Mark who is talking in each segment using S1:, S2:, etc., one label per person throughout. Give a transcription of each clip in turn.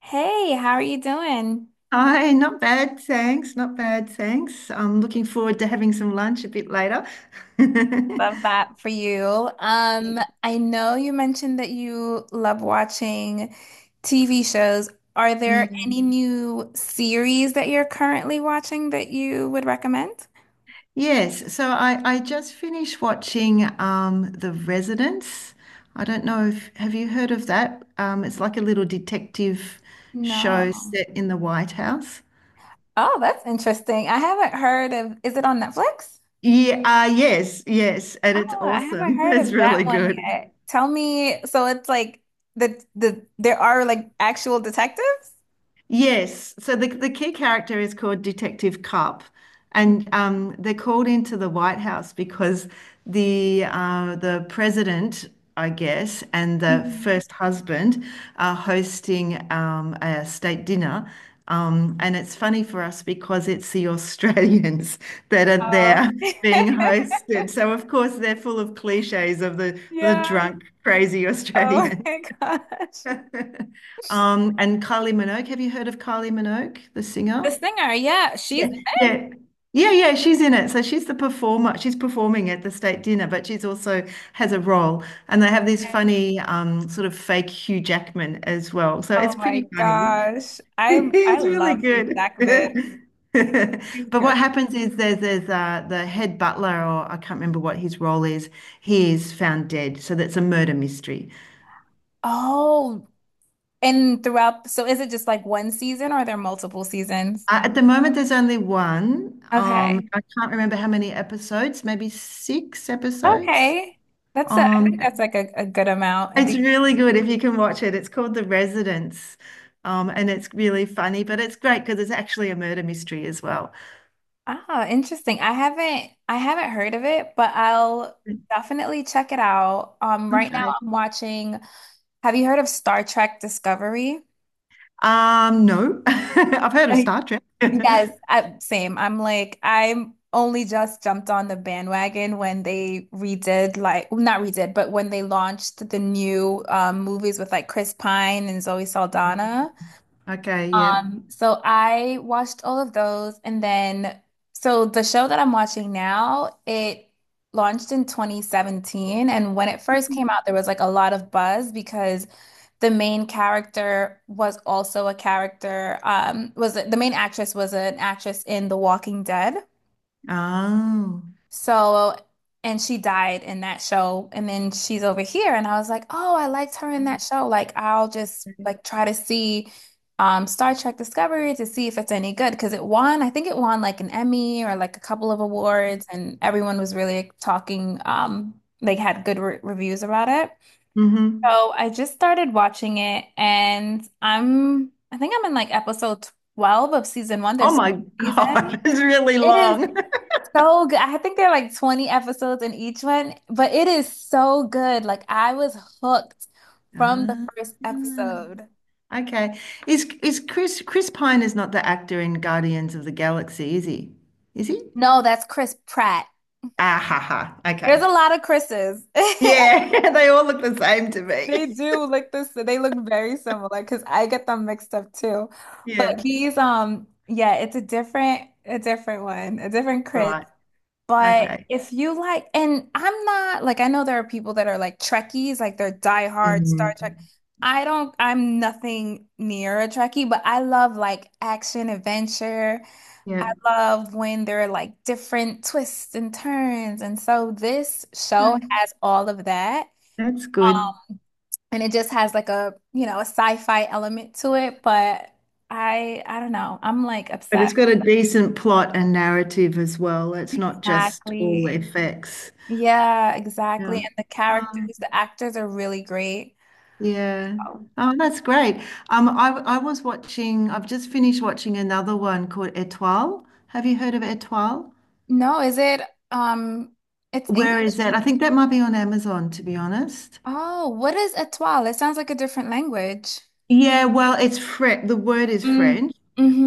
S1: Hey, how are you doing?
S2: Hi, not bad, thanks. Not bad, thanks. I'm looking forward to having some lunch a bit later.
S1: Love that for you. I know you mentioned that you love watching TV shows. Are
S2: Yeah.
S1: there any new series that you're currently watching that you would recommend?
S2: Yes. So I just finished watching The Residence. I don't know if have you heard of that? It's like a little detective show
S1: No.
S2: set in the White House.
S1: Oh, that's interesting. I haven't heard of, is it on Netflix?
S2: Yeah, yes, yes, and it's
S1: Oh, I haven't
S2: awesome.
S1: heard
S2: It's
S1: of that
S2: really
S1: one
S2: good.
S1: yet. Tell me, so it's like the there are like actual detectives?
S2: Yes. So the key character is called Detective Cup, and they're called into the White House because the president, I guess, and the
S1: Mhm.
S2: first husband are hosting a state dinner. And it's funny for us because it's the Australians that are
S1: Oh.
S2: there being hosted. So of course they're full of cliches of the
S1: Yeah.
S2: drunk, crazy
S1: Oh
S2: Australians.
S1: my gosh.
S2: And Kylie Minogue. Have you heard of Kylie Minogue, the
S1: The
S2: singer?
S1: singer, yeah, she's
S2: Yeah. Yeah. Yeah, yeah, she's in it. So she's the performer. She's performing at the state dinner, but she's also has a role. And they have this
S1: okay.
S2: funny sort of fake Hugh Jackman as well. So
S1: Oh
S2: it's
S1: my
S2: pretty funny.
S1: gosh. I
S2: It's really
S1: love Hugh
S2: good.
S1: Jackman. He's
S2: But what
S1: great.
S2: happens is there's the head butler, or I can't remember what his role is. He is found dead. So that's a murder mystery.
S1: Oh, and throughout, so is it just like one season or are there multiple seasons?
S2: At the moment, there's only one.
S1: Okay.
S2: I can't remember how many episodes, maybe six episodes.
S1: Okay. That's a, I
S2: Um,
S1: think that's like a good amount.
S2: it's
S1: The-
S2: really good if you can watch it. It's called The Residence. And it's really funny, but it's great because it's actually a murder mystery as well.
S1: ah, interesting. I haven't heard of it, but I'll definitely check it out. Right now
S2: Okay.
S1: I'm watching, have you heard of Star Trek Discovery?
S2: No, I've heard of Star Trek.
S1: Yes, I, same. I'm like, I'm only just jumped on the bandwagon when they redid, like, well, not redid, but when they launched the new movies with like Chris Pine and Zoe Saldana.
S2: Okay, yeah.
S1: So I watched all of those and then so the show that I'm watching now, it launched in 2017, and when it first came out there was like a lot of buzz because the main character was also a character was the main actress was an actress in The Walking Dead.
S2: Oh.
S1: So, and she died in that show. And then she's over here. And I was like, oh, I liked her in that show. Like, I'll just like try to see Star Trek Discovery to see if it's any good. Because it won, I think it won like an Emmy or like a couple of awards. And everyone was really talking. They had good re reviews about it.
S2: hmm
S1: So I just started watching it. And I'm, I think I'm in like episode 12 of season one.
S2: Oh
S1: There's
S2: my
S1: season.
S2: God, it's really
S1: It is
S2: long.
S1: so good. I think there are like 20 episodes in each one, but it is so good. Like I was hooked from the
S2: Ah.
S1: first episode.
S2: Okay. Is Chris Pine is not the actor in Guardians of the Galaxy, is he? Is he?
S1: No, that's Chris Pratt.
S2: Ah ha ha.
S1: There's
S2: Okay.
S1: a lot of Chris's.
S2: Yeah, they all look the same to me.
S1: They do look this, they look very similar because I get them mixed up too. But
S2: Yeah.
S1: he's yeah, it's a different one, a different Chris.
S2: Right.
S1: But
S2: Okay.
S1: if you like, and I'm not like, I know there are people that are like Trekkies, like they're diehard Star Trek.
S2: Mm.
S1: I don't, I'm nothing near a Trekkie, but I love like action adventure. I
S2: Yep.
S1: love when there are like different twists and turns. And so this show
S2: Okay.
S1: has all of that.
S2: That's good.
S1: And it just has like a, you know, a sci-fi element to it. But I don't know. I'm like
S2: But it's
S1: obsessed.
S2: got a decent plot and narrative as well. It's not just all
S1: Exactly.
S2: effects.
S1: Yeah, exactly.
S2: Yeah.
S1: And the
S2: Um,
S1: characters, the actors are really great.
S2: yeah.
S1: Oh.
S2: Oh, that's great. I was watching, I've just finished watching another one called Étoile. Have you heard of Étoile?
S1: No, is it um it's
S2: Where
S1: English?
S2: is that? I think that might be on Amazon, to be honest.
S1: Oh, what is étoile? It sounds like a different language.
S2: Yeah, well, it's French. The word is
S1: Mm.
S2: French,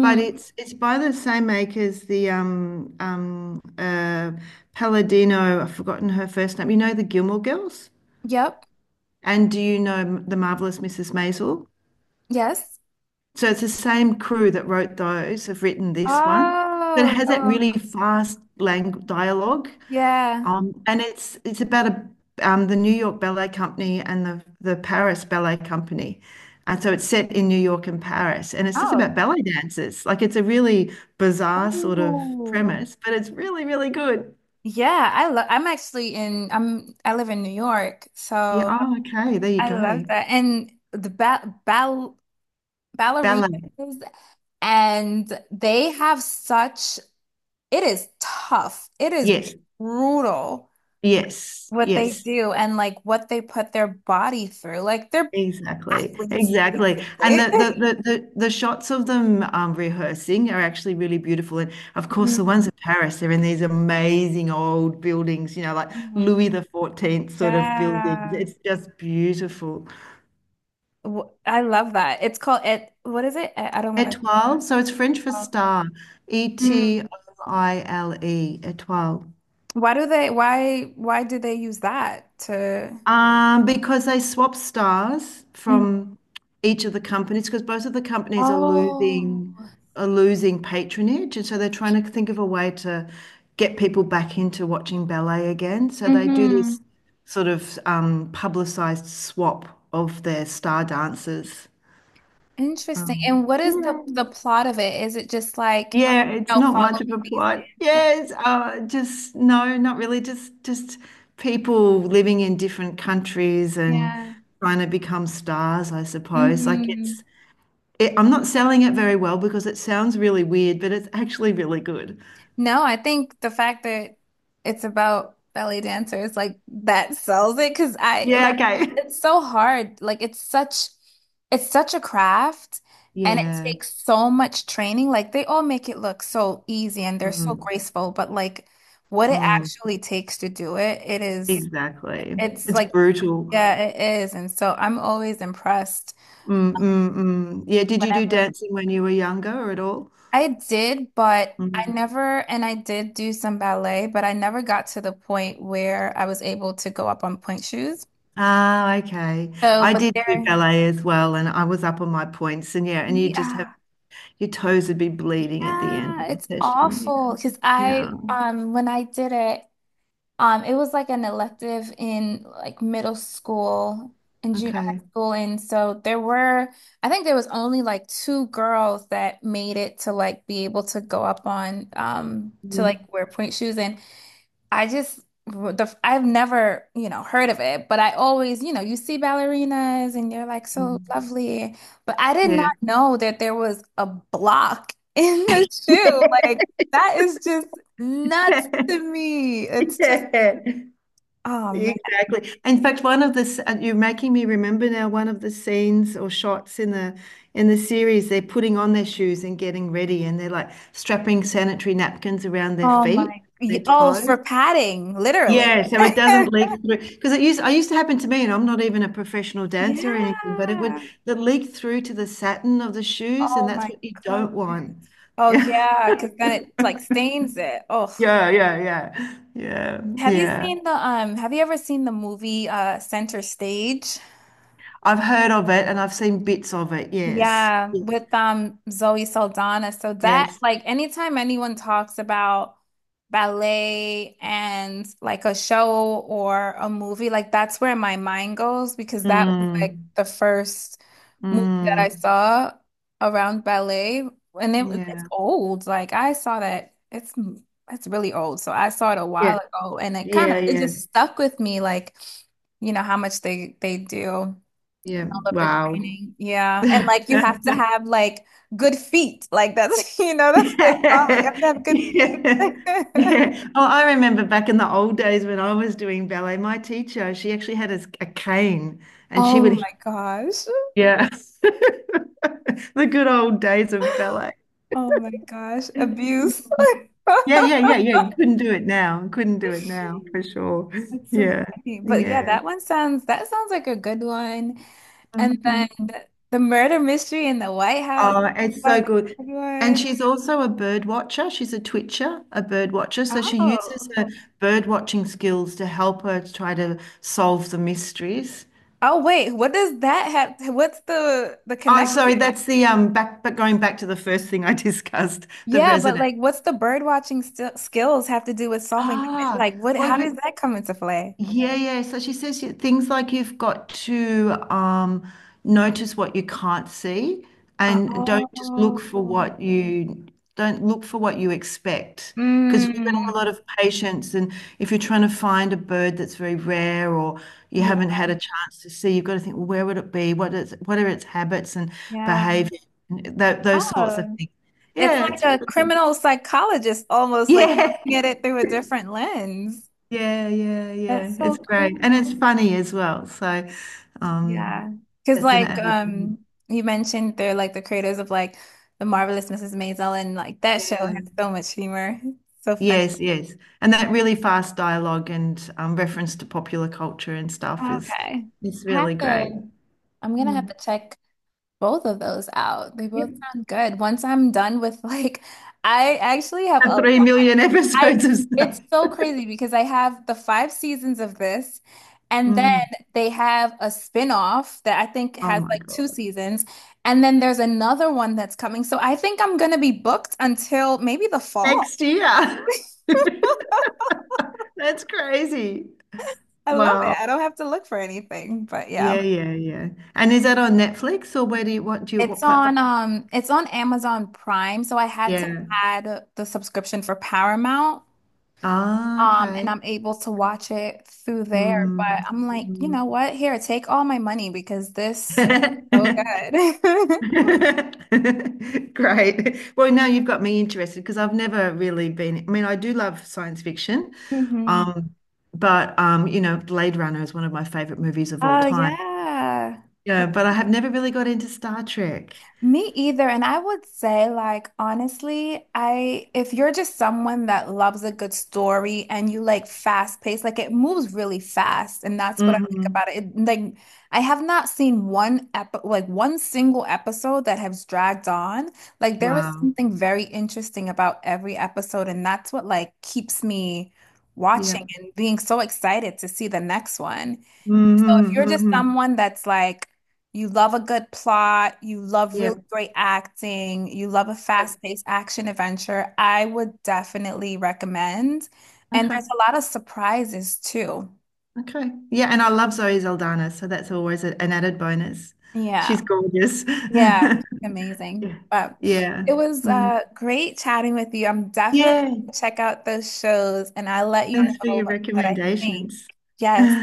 S2: but it's by the same makers, the Palladino, I've forgotten her first name. You know the Gilmore Girls?
S1: Yep.
S2: And do you know the Marvelous Mrs. Maisel?
S1: Yes.
S2: So it's the same crew that wrote those have written this one. That
S1: Oh,
S2: has that
S1: so
S2: really fast lang dialogue.
S1: yeah.
S2: And it's about the New York Ballet Company and the Paris Ballet Company, and so it's set in New York and Paris, and it's just about
S1: Oh.
S2: ballet dancers. Like it's a really bizarre sort of
S1: Ooh.
S2: premise, but it's really really good.
S1: Yeah, I love I'm actually in I'm I live in New York,
S2: Yeah.
S1: so
S2: Oh, okay. There you
S1: I
S2: go.
S1: love that. And the ba ball ballerinas
S2: Ballet.
S1: and they have such it is tough. It is
S2: Yes.
S1: brutal
S2: Yes.
S1: what they
S2: Yes.
S1: do and like what they put their body through. Like they're
S2: Exactly,
S1: athletes,
S2: exactly. And
S1: basically.
S2: the shots of them rehearsing are actually really beautiful. And of course, the
S1: Mhm.
S2: ones in Paris, they're in these amazing old buildings, you know, like
S1: Oh my
S2: Louis the 14th sort of buildings.
S1: God.
S2: It's just beautiful.
S1: W- I love that. It's called it. What is it? I don't want to
S2: Étoile, so it's French for
S1: call.
S2: star, E T
S1: Mm.
S2: O I L E, étoile.
S1: Why do they? Why? Why do they use that to?
S2: Because they swap stars
S1: Mm.
S2: from each of the companies, because both of the companies are
S1: Oh.
S2: losing patronage, and so they're trying to think of a way to get people back into watching ballet again. So they do
S1: Hmm.
S2: this sort of publicized swap of their star dancers.
S1: Interesting.
S2: Um,
S1: And what is the plot of it? Is it just like,
S2: Yeah, it's
S1: oh,
S2: not much
S1: follow
S2: of
S1: me
S2: a
S1: these
S2: plot.
S1: dancers?
S2: Yes, just no, not really. Just people living in different countries and
S1: Yeah.
S2: trying to become stars, I suppose. Like
S1: Hmm.
S2: I'm not selling it very well because it sounds really weird, but it's actually really good.
S1: No, I think the fact that it's about belly dancers, like that sells it because I
S2: Yeah,
S1: like
S2: okay.
S1: it's so hard. Like it's such a craft and it
S2: Yeah.
S1: takes so much training. Like they all make it look so easy and they're so
S2: Mm,
S1: graceful, but like what it
S2: mm,
S1: actually takes to do it, it is
S2: exactly.
S1: it's
S2: It's
S1: like
S2: brutal.
S1: yeah, it is. And so I'm always impressed
S2: Mm, mm, mm. Yeah, did you do
S1: whenever.
S2: dancing when you were younger or at all?
S1: I did, but I
S2: Mm.
S1: never, and I did do some ballet, but I never got to the point where I was able to go up on point shoes.
S2: Ah, okay.
S1: So,
S2: I
S1: but
S2: did do
S1: there,
S2: ballet as well, and I was up on my points, and yeah, and you just have
S1: yeah,
S2: your toes would be bleeding at the end
S1: yeah,
S2: of the
S1: it's
S2: session.
S1: awful because
S2: Yeah. Yeah.
S1: I, when I did it, it was like an elective in like middle school and junior
S2: Okay.
S1: high school, and so there were, I think there was only like two girls that made it to like be able to go up on, to like
S2: Mm,
S1: wear point shoes and. I just the I've never, you know, heard of it, but I always, you know, you see ballerinas and you're like so
S2: mm.
S1: lovely, but I did not
S2: Yeah.
S1: know that there was a block in the shoe. Like that is just nuts to me. It's just
S2: Yeah,
S1: oh man.
S2: exactly. In fact, one of the you're making me remember now one of the scenes or shots in the series, they're putting on their shoes and getting ready, and they're like strapping sanitary napkins around their
S1: Oh
S2: feet,
S1: my.
S2: their
S1: Y- Oh, for
S2: toes.
S1: padding, literally.
S2: Yeah, so it doesn't leak through because it used I used to happen to me, and I'm not even a professional dancer or anything, but it would
S1: Yeah.
S2: the leak through to the satin of the shoes,
S1: Oh
S2: and that's
S1: my
S2: what you don't want.
S1: goodness. Oh yeah, because then it like stains it. Oh.
S2: Yeah, yeah, yeah, yeah,
S1: Have you
S2: yeah.
S1: seen the have you ever seen the movie Center Stage?
S2: I've heard of it and I've seen bits of it. Yes,
S1: Yeah,
S2: yes,
S1: with Zoe Saldana. So that
S2: yes.
S1: like anytime anyone talks about ballet and like a show or a movie, like that's where my mind goes because that was
S2: Mm,
S1: like the first movie that I
S2: mm,
S1: saw around ballet and it was- it's
S2: yeah,
S1: old. Like I saw that it's really old. So I saw it a
S2: yeah,
S1: while ago and it kind of
S2: yeah,
S1: it
S2: yeah,
S1: just stuck with me like you know how much they do
S2: yeah.
S1: love the
S2: Wow.
S1: training. Yeah. And like you have to have like good feet. Like that's, you know, that's the call. You have
S2: Yeah.
S1: to have good feet.
S2: Yeah. Yeah. Oh, I remember back in the old days when I was doing ballet, my teacher, she actually had a cane and she
S1: Oh
S2: would,
S1: my gosh.
S2: yeah, the good old days of ballet.
S1: Oh my gosh.
S2: Yeah,
S1: Abuse.
S2: yeah, yeah,
S1: That's
S2: yeah. You couldn't do it now. Couldn't do it now for sure.
S1: so
S2: Yeah,
S1: funny. But yeah,
S2: yeah.
S1: that one sounds that sounds like a good one. And
S2: Mm,
S1: then
S2: mm.
S1: the murder mystery in the White House,
S2: Oh, it's so
S1: like
S2: good.
S1: a good
S2: And
S1: one.
S2: she's also a bird watcher. She's a twitcher, a bird watcher. So she uses
S1: Oh.
S2: her bird watching skills to help her to try to solve the mysteries.
S1: Oh wait, what does that have? What's the
S2: Oh,
S1: connection?
S2: sorry, that's the back but going back to the first thing I discussed, the
S1: Yeah, but
S2: resident.
S1: like, what's the bird watching st skills have to do with solving the mystery?
S2: Ah,
S1: Like, what?
S2: well
S1: How does
S2: you
S1: that come into play?
S2: Yeah, yeah. So she says things like you've got to notice what you can't see and don't just look
S1: Oh,
S2: for what you don't look for what you expect. Because if you're going to have a lot
S1: mm.
S2: of patience and if you're trying to find a bird that's very rare or you
S1: Yeah,
S2: haven't had a chance to see, you've got to think, well, where would it be? What is, what are its habits and
S1: yeah.
S2: behavior? And those sorts of
S1: Oh,
S2: things.
S1: it's
S2: Yeah,
S1: like
S2: it's,
S1: a criminal psychologist almost like
S2: yeah.
S1: looking at it through a different lens.
S2: Yeah, yeah, yeah.
S1: That's
S2: It's
S1: so
S2: great. And
S1: cool.
S2: it's funny as well. So,
S1: Yeah,
S2: um,
S1: because
S2: that's an
S1: like,
S2: added,
S1: you mentioned they're like the creators of like the Marvelous Mrs. Maisel, and like that show
S2: yeah.
S1: has so much humor, so funny.
S2: Yes, yes. And that really fast dialogue and reference to popular culture and stuff is
S1: Okay.
S2: is
S1: I
S2: really
S1: have
S2: great.
S1: to, I'm gonna have
S2: Mm.
S1: to check both of those out. They
S2: Yep.
S1: both sound good. Once I'm done with like, I actually have
S2: The
S1: a,
S2: 3 million
S1: I,
S2: episodes of
S1: it's
S2: stuff.
S1: so crazy because I have the five seasons of this, and then
S2: Mm.
S1: they have a spin-off that I think
S2: Oh
S1: has
S2: my
S1: like two
S2: God.
S1: seasons, and then there's another one that's coming. So I think I'm gonna be booked until maybe the fall.
S2: Next year. That's crazy.
S1: I love it.
S2: Wow.
S1: I don't have to look for anything, but yeah.
S2: Yeah, yeah, yeah. And is that on Netflix or where do you what platform?
S1: It's on Amazon Prime, so I had to
S2: Yeah.
S1: add the subscription for Paramount.
S2: Ah,
S1: And
S2: okay.
S1: I'm able to watch it through there.
S2: Mm,
S1: But I'm like, you
S2: mm.
S1: know what? Here, take all my money because this is so good.
S2: Great. Well, now you've got me interested because I've never really been. I mean, I do love science fiction,
S1: Hmm.
S2: um, but you know, Blade Runner is one of my favorite movies of all
S1: Oh
S2: time.
S1: yeah.
S2: Yeah, but I have never really got into Star Trek.
S1: Me either. And I would say, like, honestly, I, if you're just someone that loves a good story and you like fast paced, like it moves really fast. And that's what I like
S2: Hmm
S1: about it. It- like, I have not seen one ep like one single episode that has dragged on. Like, there is
S2: Wow.
S1: something very interesting about every episode. And that's what like keeps me
S2: Yeah.
S1: watching and being so excited to see the next one. So if you're
S2: Mm-hmm,
S1: just
S2: hmm
S1: someone that's like, you love a good plot, you love really
S2: Yep.
S1: great acting, you love a
S2: Yep.
S1: fast-paced action adventure, I would definitely recommend. And
S2: Okay.
S1: there's a lot of surprises too.
S2: Okay. Yeah, and I love Zoe Saldana, so that's always an added bonus. She's
S1: Yeah.
S2: gorgeous.
S1: Yeah. Amazing.
S2: Yeah.
S1: But
S2: Yeah.
S1: it was
S2: Mm.
S1: great chatting with you. I'm definitely
S2: Yeah.
S1: gonna check out those shows and I'll let you know
S2: Thanks for your
S1: what I think.
S2: recommendations. All
S1: Yes.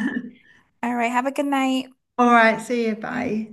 S1: All right. Have a good night.
S2: right. See you.
S1: Bye.
S2: Bye.